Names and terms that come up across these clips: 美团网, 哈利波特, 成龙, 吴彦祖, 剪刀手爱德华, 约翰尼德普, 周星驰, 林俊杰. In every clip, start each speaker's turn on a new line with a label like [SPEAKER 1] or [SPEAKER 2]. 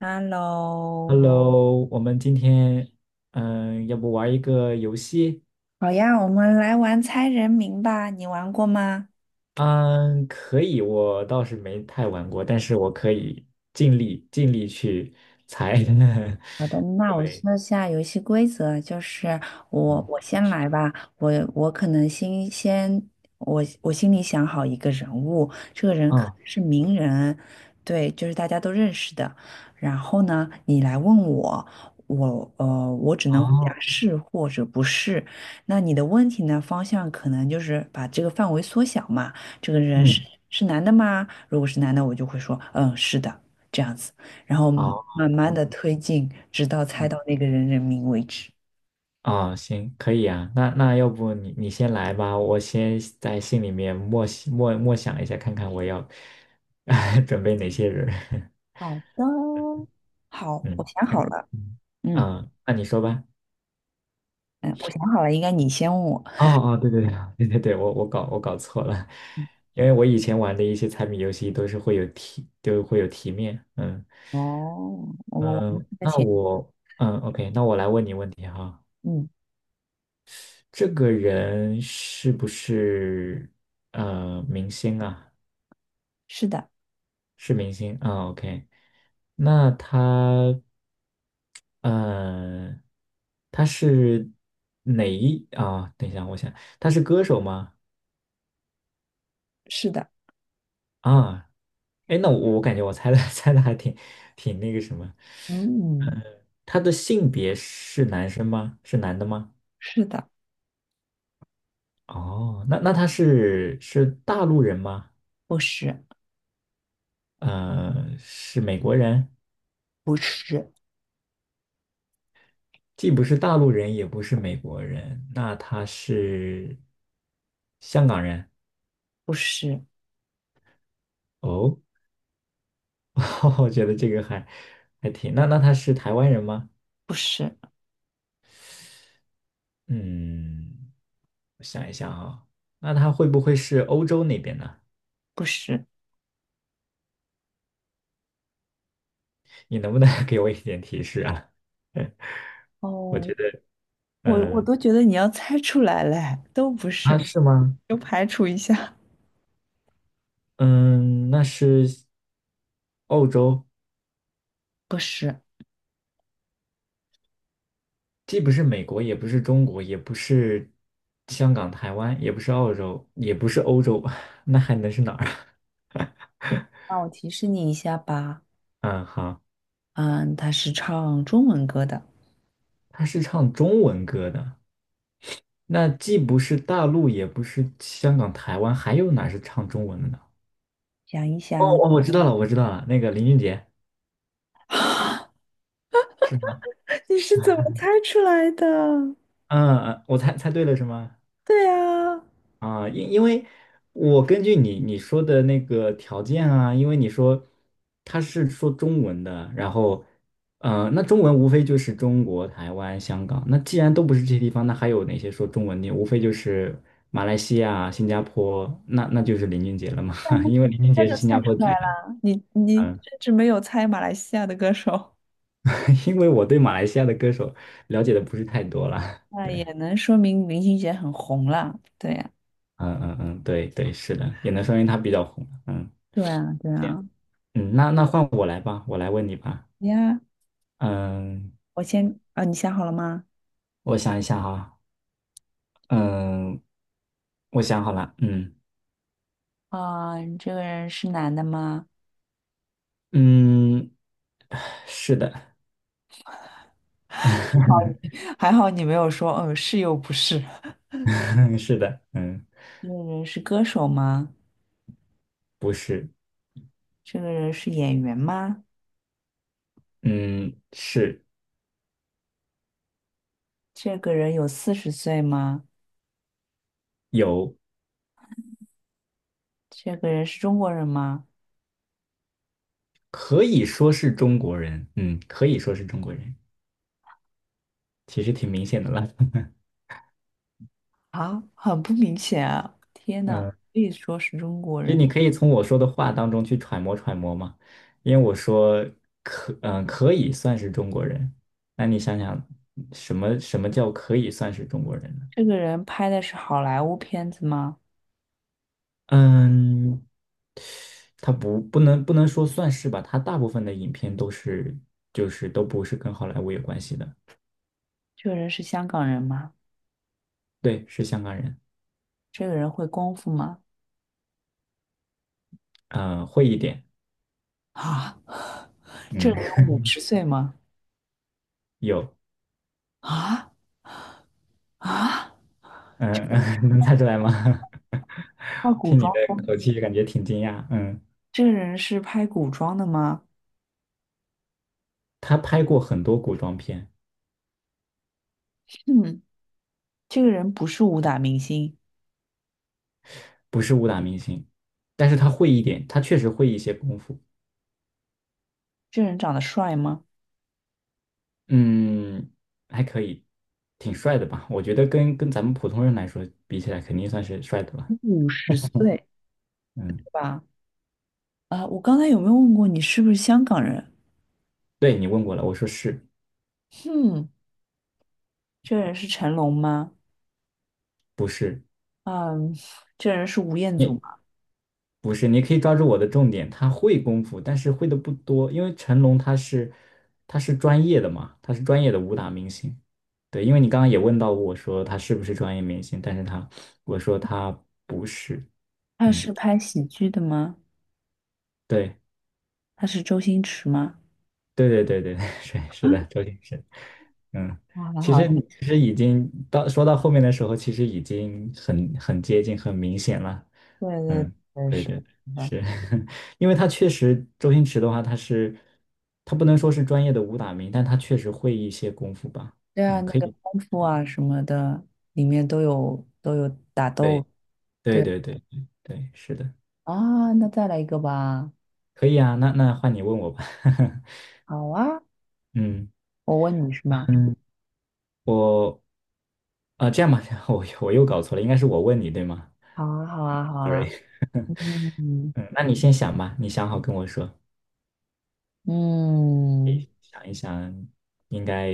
[SPEAKER 1] Hello，
[SPEAKER 2] Hello，我们今天要不玩一个游戏？
[SPEAKER 1] 好呀，我们来玩猜人名吧，你玩过吗？
[SPEAKER 2] 嗯，可以，我倒是没太玩过，但是我可以尽力尽力去猜。
[SPEAKER 1] 好的，那我
[SPEAKER 2] 对，
[SPEAKER 1] 说下游戏规则啊，就是我
[SPEAKER 2] 嗯，
[SPEAKER 1] 我先来吧。我我可能先先我心里想好一个人物，这个人可
[SPEAKER 2] 嗯，
[SPEAKER 1] 能是名人，对，就是大家都认识的。然后呢，你来问我，我只能回答
[SPEAKER 2] 哦，
[SPEAKER 1] 是或者不是。那你的问题呢，方向可能就是把这个范围缩小嘛。这个人是
[SPEAKER 2] 嗯，
[SPEAKER 1] 是男的吗？如果是男的，我就会说嗯是的，这样子。然后
[SPEAKER 2] 哦，
[SPEAKER 1] 慢
[SPEAKER 2] 这
[SPEAKER 1] 慢
[SPEAKER 2] 样，
[SPEAKER 1] 的推进，直到猜
[SPEAKER 2] 嗯，
[SPEAKER 1] 到那个人人名为止。
[SPEAKER 2] 哦，行，可以啊。那要不你先来吧，我先在心里面默默想一下，看看我要 准备哪些人。
[SPEAKER 1] 好的。好，我
[SPEAKER 2] 嗯，
[SPEAKER 1] 想 好
[SPEAKER 2] 嗯
[SPEAKER 1] 了。
[SPEAKER 2] 嗯，
[SPEAKER 1] 嗯
[SPEAKER 2] 啊那你说吧。
[SPEAKER 1] 嗯，我想好了，应该你先问我。
[SPEAKER 2] 哦哦，对对对对对对，我搞错了，因为我以前玩的一些猜谜游戏都是会有题，都会有题面。嗯
[SPEAKER 1] 哦，我们玩
[SPEAKER 2] 嗯，
[SPEAKER 1] 这个
[SPEAKER 2] 那
[SPEAKER 1] 前，
[SPEAKER 2] 我OK，那我来问你问题哈。
[SPEAKER 1] 嗯，
[SPEAKER 2] 这个人是不是明星啊？
[SPEAKER 1] 是的，
[SPEAKER 2] 是明星啊，OK。那他呃是哪一啊？等一下，我想他是歌手吗？
[SPEAKER 1] 是的，
[SPEAKER 2] 啊，哎，那我感觉我猜的 猜的还挺那个什么。
[SPEAKER 1] 嗯，
[SPEAKER 2] 他的性别是男生吗？是男的吗？
[SPEAKER 1] 是的，
[SPEAKER 2] 哦，那他是大陆人吗？
[SPEAKER 1] 不是，
[SPEAKER 2] 是美国人，
[SPEAKER 1] 不是，
[SPEAKER 2] 既不是大陆人，也不是美国人，那他是香港人。
[SPEAKER 1] 不是，
[SPEAKER 2] 哦，我觉得这个还挺，那他是台湾人吗？
[SPEAKER 1] 不是，
[SPEAKER 2] 嗯，我想一想啊，那他会不会是欧洲那边呢？
[SPEAKER 1] 不是。
[SPEAKER 2] 你能不能 给我一点提示啊？嗯，我
[SPEAKER 1] 哦，
[SPEAKER 2] 觉得，
[SPEAKER 1] 我
[SPEAKER 2] 嗯，
[SPEAKER 1] 都觉得你要猜出来嘞，都不是
[SPEAKER 2] 啊，
[SPEAKER 1] 嘛，
[SPEAKER 2] 是吗？
[SPEAKER 1] 就排除一下。
[SPEAKER 2] 嗯，那是澳洲，
[SPEAKER 1] 不是，
[SPEAKER 2] 既不是美国，也不是中国，也不是香港、台湾，也不是澳洲，也不是欧洲，那还能是哪儿啊？
[SPEAKER 1] 那我提示你一下吧。
[SPEAKER 2] 嗯，好，
[SPEAKER 1] 嗯，他是唱中文歌的。
[SPEAKER 2] 他是唱中文歌的，那既不是大陆，也不是香港、台湾，还有哪是唱中文的呢？
[SPEAKER 1] 想一
[SPEAKER 2] 哦，
[SPEAKER 1] 想。
[SPEAKER 2] 我知道了，我知道了，那个林俊杰
[SPEAKER 1] 啊，
[SPEAKER 2] 是吗？
[SPEAKER 1] 你是怎么猜出来的？
[SPEAKER 2] 嗯嗯，我猜对了是吗？
[SPEAKER 1] 对啊，那
[SPEAKER 2] 啊，因为我根据你说的那个条件啊，因为你说他是说中文的，然后，那中文无非就是中国、台湾、香港，那既然都不是这些地方，那还有哪些说中文的？无非就是马来西亚、新加坡，那就是林俊杰了嘛，因
[SPEAKER 1] 你
[SPEAKER 2] 为
[SPEAKER 1] 一
[SPEAKER 2] 林俊
[SPEAKER 1] 猜
[SPEAKER 2] 杰是
[SPEAKER 1] 就
[SPEAKER 2] 新
[SPEAKER 1] 猜
[SPEAKER 2] 加
[SPEAKER 1] 出
[SPEAKER 2] 坡
[SPEAKER 1] 来
[SPEAKER 2] 籍的。
[SPEAKER 1] 了，你
[SPEAKER 2] 嗯，
[SPEAKER 1] 甚至没有猜马来西亚的歌手。
[SPEAKER 2] 因为我对马来西亚的歌手了解的不是太多了，
[SPEAKER 1] 那也
[SPEAKER 2] 对。
[SPEAKER 1] 能说明林俊杰很红了。对呀、
[SPEAKER 2] 嗯嗯嗯，对对，是的，也能说明他比较红，嗯。
[SPEAKER 1] 对啊，对啊。
[SPEAKER 2] 嗯，那换我来吧，我来问你吧。
[SPEAKER 1] 呀，
[SPEAKER 2] 嗯，
[SPEAKER 1] 我先啊，你想好了吗？
[SPEAKER 2] 我想一下哈，嗯，我想好了。嗯
[SPEAKER 1] 啊，你这个人是男的吗？
[SPEAKER 2] 嗯，是的，
[SPEAKER 1] 还好你没有说嗯是又不是。
[SPEAKER 2] 是的。嗯，
[SPEAKER 1] 这个人是歌手吗？
[SPEAKER 2] 不是。
[SPEAKER 1] 这个人是演员吗？
[SPEAKER 2] 嗯，是。
[SPEAKER 1] 这个人有四十岁吗？
[SPEAKER 2] 有，
[SPEAKER 1] 这个人是中国人吗？
[SPEAKER 2] 可以说是中国人，嗯，可以说是中国人，其实挺明显的了。
[SPEAKER 1] 啊，很不明显啊！天 呐，
[SPEAKER 2] 嗯，
[SPEAKER 1] 可以说是中国
[SPEAKER 2] 其实
[SPEAKER 1] 人。
[SPEAKER 2] 你可以从我说的话当中去揣摩揣摩嘛，因为我说可以算是中国人，那你想想，什么什么叫可以算是中国人呢？
[SPEAKER 1] 这个人拍的是好莱坞片子吗？
[SPEAKER 2] 嗯，他不能说算是吧，他大部分的影片都是都不是跟好莱坞有关系的。
[SPEAKER 1] 这个人是香港人吗？
[SPEAKER 2] 对，是香港人。
[SPEAKER 1] 这个人会功夫吗？
[SPEAKER 2] 会一点。
[SPEAKER 1] 啊，这
[SPEAKER 2] 嗯，
[SPEAKER 1] 个人有五 十岁吗？
[SPEAKER 2] 有。
[SPEAKER 1] 啊啊，
[SPEAKER 2] 嗯嗯，能猜出来吗？
[SPEAKER 1] 那 古
[SPEAKER 2] 听你
[SPEAKER 1] 装，
[SPEAKER 2] 的口气感觉挺惊讶。嗯，
[SPEAKER 1] 这个人是拍古装的吗？
[SPEAKER 2] 他拍过很多古装片。
[SPEAKER 1] 嗯，这个人不是武打明星。
[SPEAKER 2] 不是武打明星，但是他会一点，他确实会一些功夫。
[SPEAKER 1] 这个人长得帅吗？
[SPEAKER 2] 嗯，还可以，挺帅的吧？我觉得跟咱们普通人来说比起来，肯定算是帅的了。
[SPEAKER 1] 五十岁，对
[SPEAKER 2] 嗯，
[SPEAKER 1] 吧？啊，我刚才有没有问过你是不是香港人？
[SPEAKER 2] 对，你问过了，我说是。
[SPEAKER 1] 嗯，这个人是成龙吗？
[SPEAKER 2] 不是？
[SPEAKER 1] 嗯，这个人是吴彦祖。
[SPEAKER 2] 你不是，你可以抓住我的重点。他会功夫，但是会的不多，因为成龙他是专业的嘛，他是专业的武打明星。对，因为你刚刚也问到我说他是不是专业明星，但是我说他不是。
[SPEAKER 1] 他
[SPEAKER 2] 嗯，
[SPEAKER 1] 是拍喜剧的吗？
[SPEAKER 2] 对。
[SPEAKER 1] 他是周星驰吗？
[SPEAKER 2] 对对对对，是是
[SPEAKER 1] 啊，
[SPEAKER 2] 的，周星驰。嗯，
[SPEAKER 1] 啊还
[SPEAKER 2] 其实
[SPEAKER 1] 好，
[SPEAKER 2] 其实已经到说到后面的时候，其实已经很接近、很明显了。
[SPEAKER 1] 对对
[SPEAKER 2] 嗯，
[SPEAKER 1] 对，
[SPEAKER 2] 对
[SPEAKER 1] 是
[SPEAKER 2] 对，
[SPEAKER 1] 的。
[SPEAKER 2] 是 因为他确实周星驰的话，他不能说是专业的武打名，但他确实会一些功夫吧。
[SPEAKER 1] 对啊，
[SPEAKER 2] 嗯，
[SPEAKER 1] 那
[SPEAKER 2] 可
[SPEAKER 1] 个
[SPEAKER 2] 以，
[SPEAKER 1] 功夫啊什么的，里面都有都有打
[SPEAKER 2] 对
[SPEAKER 1] 斗
[SPEAKER 2] 对对对对对，是的，
[SPEAKER 1] 啊。那再来一个吧。
[SPEAKER 2] 可以啊。那换你问我吧。
[SPEAKER 1] 好啊，
[SPEAKER 2] 嗯，
[SPEAKER 1] 我问你是吗？
[SPEAKER 2] 我这样吧，我又搞错了，应该是我问你对吗
[SPEAKER 1] 好啊，好啊，好
[SPEAKER 2] ？sorry
[SPEAKER 1] 啊。嗯
[SPEAKER 2] 嗯，那你先想吧，你想好跟我说，
[SPEAKER 1] 嗯，
[SPEAKER 2] 想一想，应该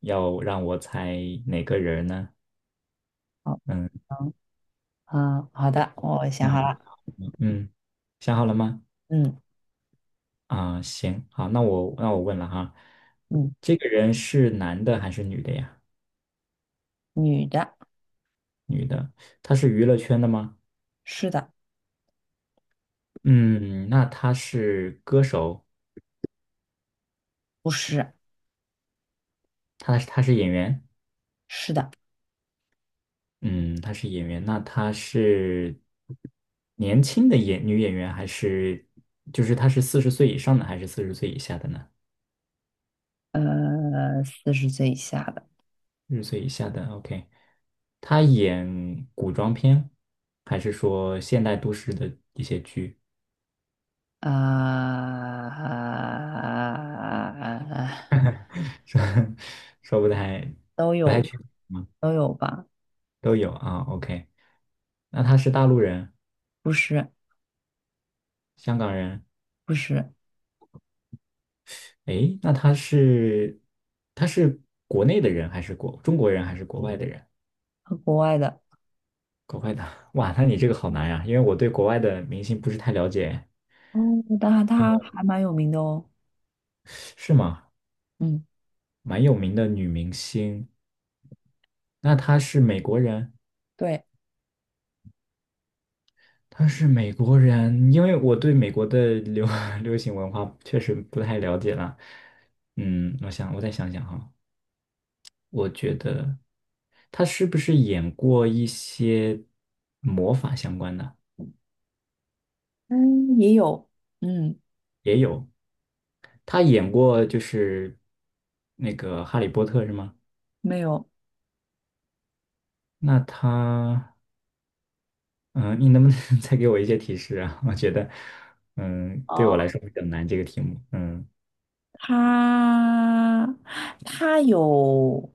[SPEAKER 2] 要让我猜哪个人呢？
[SPEAKER 1] 好。
[SPEAKER 2] 嗯
[SPEAKER 1] 嗯，好的，我想好
[SPEAKER 2] 嗯
[SPEAKER 1] 了。
[SPEAKER 2] 嗯，想好了吗？
[SPEAKER 1] 嗯
[SPEAKER 2] 啊，行，好，那我问了哈。
[SPEAKER 1] 嗯，
[SPEAKER 2] 这个人是男的还是女的呀？
[SPEAKER 1] 女的，
[SPEAKER 2] 女的。她是娱乐圈的吗？
[SPEAKER 1] 是的，
[SPEAKER 2] 嗯，那她是歌手。
[SPEAKER 1] 不是，
[SPEAKER 2] 她是演员。
[SPEAKER 1] 是的，
[SPEAKER 2] 嗯，她是演员，那她是年轻的女演员还是就是她是四十岁以上的还是四十岁以下的呢？
[SPEAKER 1] 呃，四十岁以下的。
[SPEAKER 2] 六岁以下的，OK。他演古装片，还是说现代都市的一些剧？
[SPEAKER 1] 啊，
[SPEAKER 2] 说说不太
[SPEAKER 1] 都
[SPEAKER 2] 不太
[SPEAKER 1] 有
[SPEAKER 2] 确定，
[SPEAKER 1] 都有吧？
[SPEAKER 2] 都有啊，OK。那他是大陆人、
[SPEAKER 1] 不是
[SPEAKER 2] 香港人，
[SPEAKER 1] 不是，
[SPEAKER 2] 诶，那他是他是国内的人还是中国人还是国外的人？
[SPEAKER 1] 国外的
[SPEAKER 2] 国外的，哇，那你这个好难呀，因为我对国外的明星不是太了解。
[SPEAKER 1] 哦。但他还蛮有名的哦。
[SPEAKER 2] 是吗？
[SPEAKER 1] 嗯，
[SPEAKER 2] 蛮有名的女明星，那她是美国人？
[SPEAKER 1] 对，
[SPEAKER 2] 他是美国人，因为我对美国的流 流行文化确实不太了解了。嗯，我想我再想想哈，我觉得他是不是演过一些魔法相关的？
[SPEAKER 1] 嗯，也有，嗯，
[SPEAKER 2] 也有，他演过就是那个《哈利波特》是吗？
[SPEAKER 1] 没有。
[SPEAKER 2] 那他，嗯，你能不能 再给我一些提示啊？我觉得，对我来
[SPEAKER 1] 哦，
[SPEAKER 2] 说比较难这个题目。嗯，
[SPEAKER 1] 他他有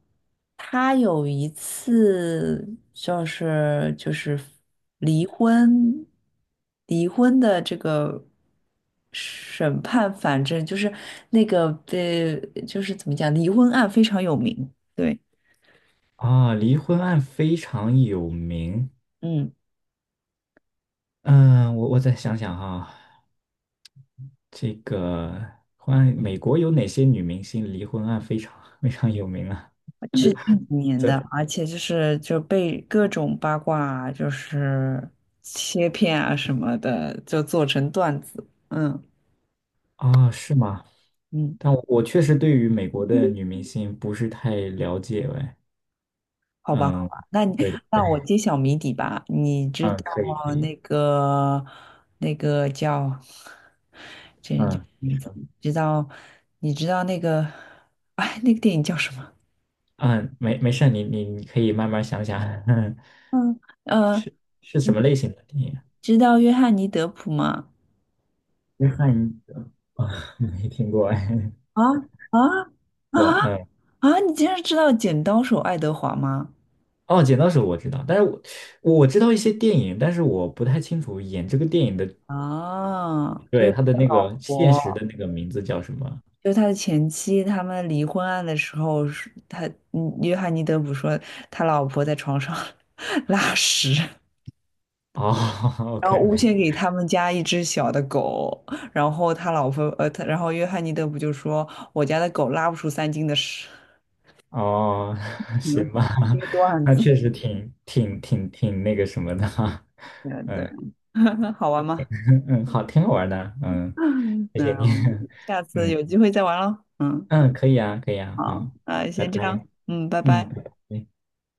[SPEAKER 1] 他有一次就是离婚离婚的这个审判。反正就是那个，就是怎么讲，离婚案非常有名。对，
[SPEAKER 2] 啊，离婚案非常有名。
[SPEAKER 1] 嗯，
[SPEAKER 2] 嗯，我再想想哈，这个关于美国有哪些女明星离婚案非常 非常有名啊？
[SPEAKER 1] 是近几年的，
[SPEAKER 2] 这
[SPEAKER 1] 而且就是就被各种八卦就是切片啊什么的，就做成段子。嗯
[SPEAKER 2] 啊，是吗？
[SPEAKER 1] 嗯。
[SPEAKER 2] 但我确实对于美国的女明星不是太了解哎。
[SPEAKER 1] 好吧，好
[SPEAKER 2] 嗯，
[SPEAKER 1] 吧，
[SPEAKER 2] 对对
[SPEAKER 1] 那
[SPEAKER 2] 对，
[SPEAKER 1] 我揭晓谜底吧。你知
[SPEAKER 2] 嗯，
[SPEAKER 1] 道
[SPEAKER 2] 可以可以。
[SPEAKER 1] 那个那个叫，
[SPEAKER 2] 嗯
[SPEAKER 1] 知道你知道那个，哎，那个电影叫什么？
[SPEAKER 2] 嗯，没事儿你可以慢慢想想。
[SPEAKER 1] 呃，
[SPEAKER 2] 是是什么类型的电影？
[SPEAKER 1] 知道约翰尼德普吗？
[SPEAKER 2] 约翰啊，没听过哎，
[SPEAKER 1] 啊啊
[SPEAKER 2] 我
[SPEAKER 1] 啊
[SPEAKER 2] 嗯。
[SPEAKER 1] 啊！你竟然知道剪刀手爱德华吗？
[SPEAKER 2] 哦，剪刀手我知道，但是我知道一些电影，但是我不太清楚演这个电影的，
[SPEAKER 1] 啊，
[SPEAKER 2] 对，他的那个 现实的
[SPEAKER 1] 我
[SPEAKER 2] 那个名字叫什么？
[SPEAKER 1] 就他的前妻。他们离婚案的时候是他约翰尼德普说他老婆在床上 拉屎。
[SPEAKER 2] 哦
[SPEAKER 1] 然
[SPEAKER 2] ，OK
[SPEAKER 1] 后诬
[SPEAKER 2] OK，
[SPEAKER 1] 陷给他们家一只小的狗，然后他老婆然后约翰尼德不就说我家的狗拉不出3斤的屎。
[SPEAKER 2] 哦，行
[SPEAKER 1] 嗯，
[SPEAKER 2] 吧，
[SPEAKER 1] 一个 段
[SPEAKER 2] 那
[SPEAKER 1] 子。
[SPEAKER 2] 确实挺那个什么的哈，
[SPEAKER 1] 对
[SPEAKER 2] 嗯
[SPEAKER 1] 对，好玩吗？
[SPEAKER 2] 嗯，好，挺好玩的，嗯，
[SPEAKER 1] 嗯，
[SPEAKER 2] 谢谢你，
[SPEAKER 1] 下 次
[SPEAKER 2] 嗯
[SPEAKER 1] 有机会再玩喽。嗯，
[SPEAKER 2] 嗯，可以啊，可以啊，
[SPEAKER 1] 好，
[SPEAKER 2] 好，
[SPEAKER 1] 那
[SPEAKER 2] 拜
[SPEAKER 1] 先这
[SPEAKER 2] 拜，
[SPEAKER 1] 样，嗯，拜
[SPEAKER 2] 嗯。
[SPEAKER 1] 拜。
[SPEAKER 2] 拜拜。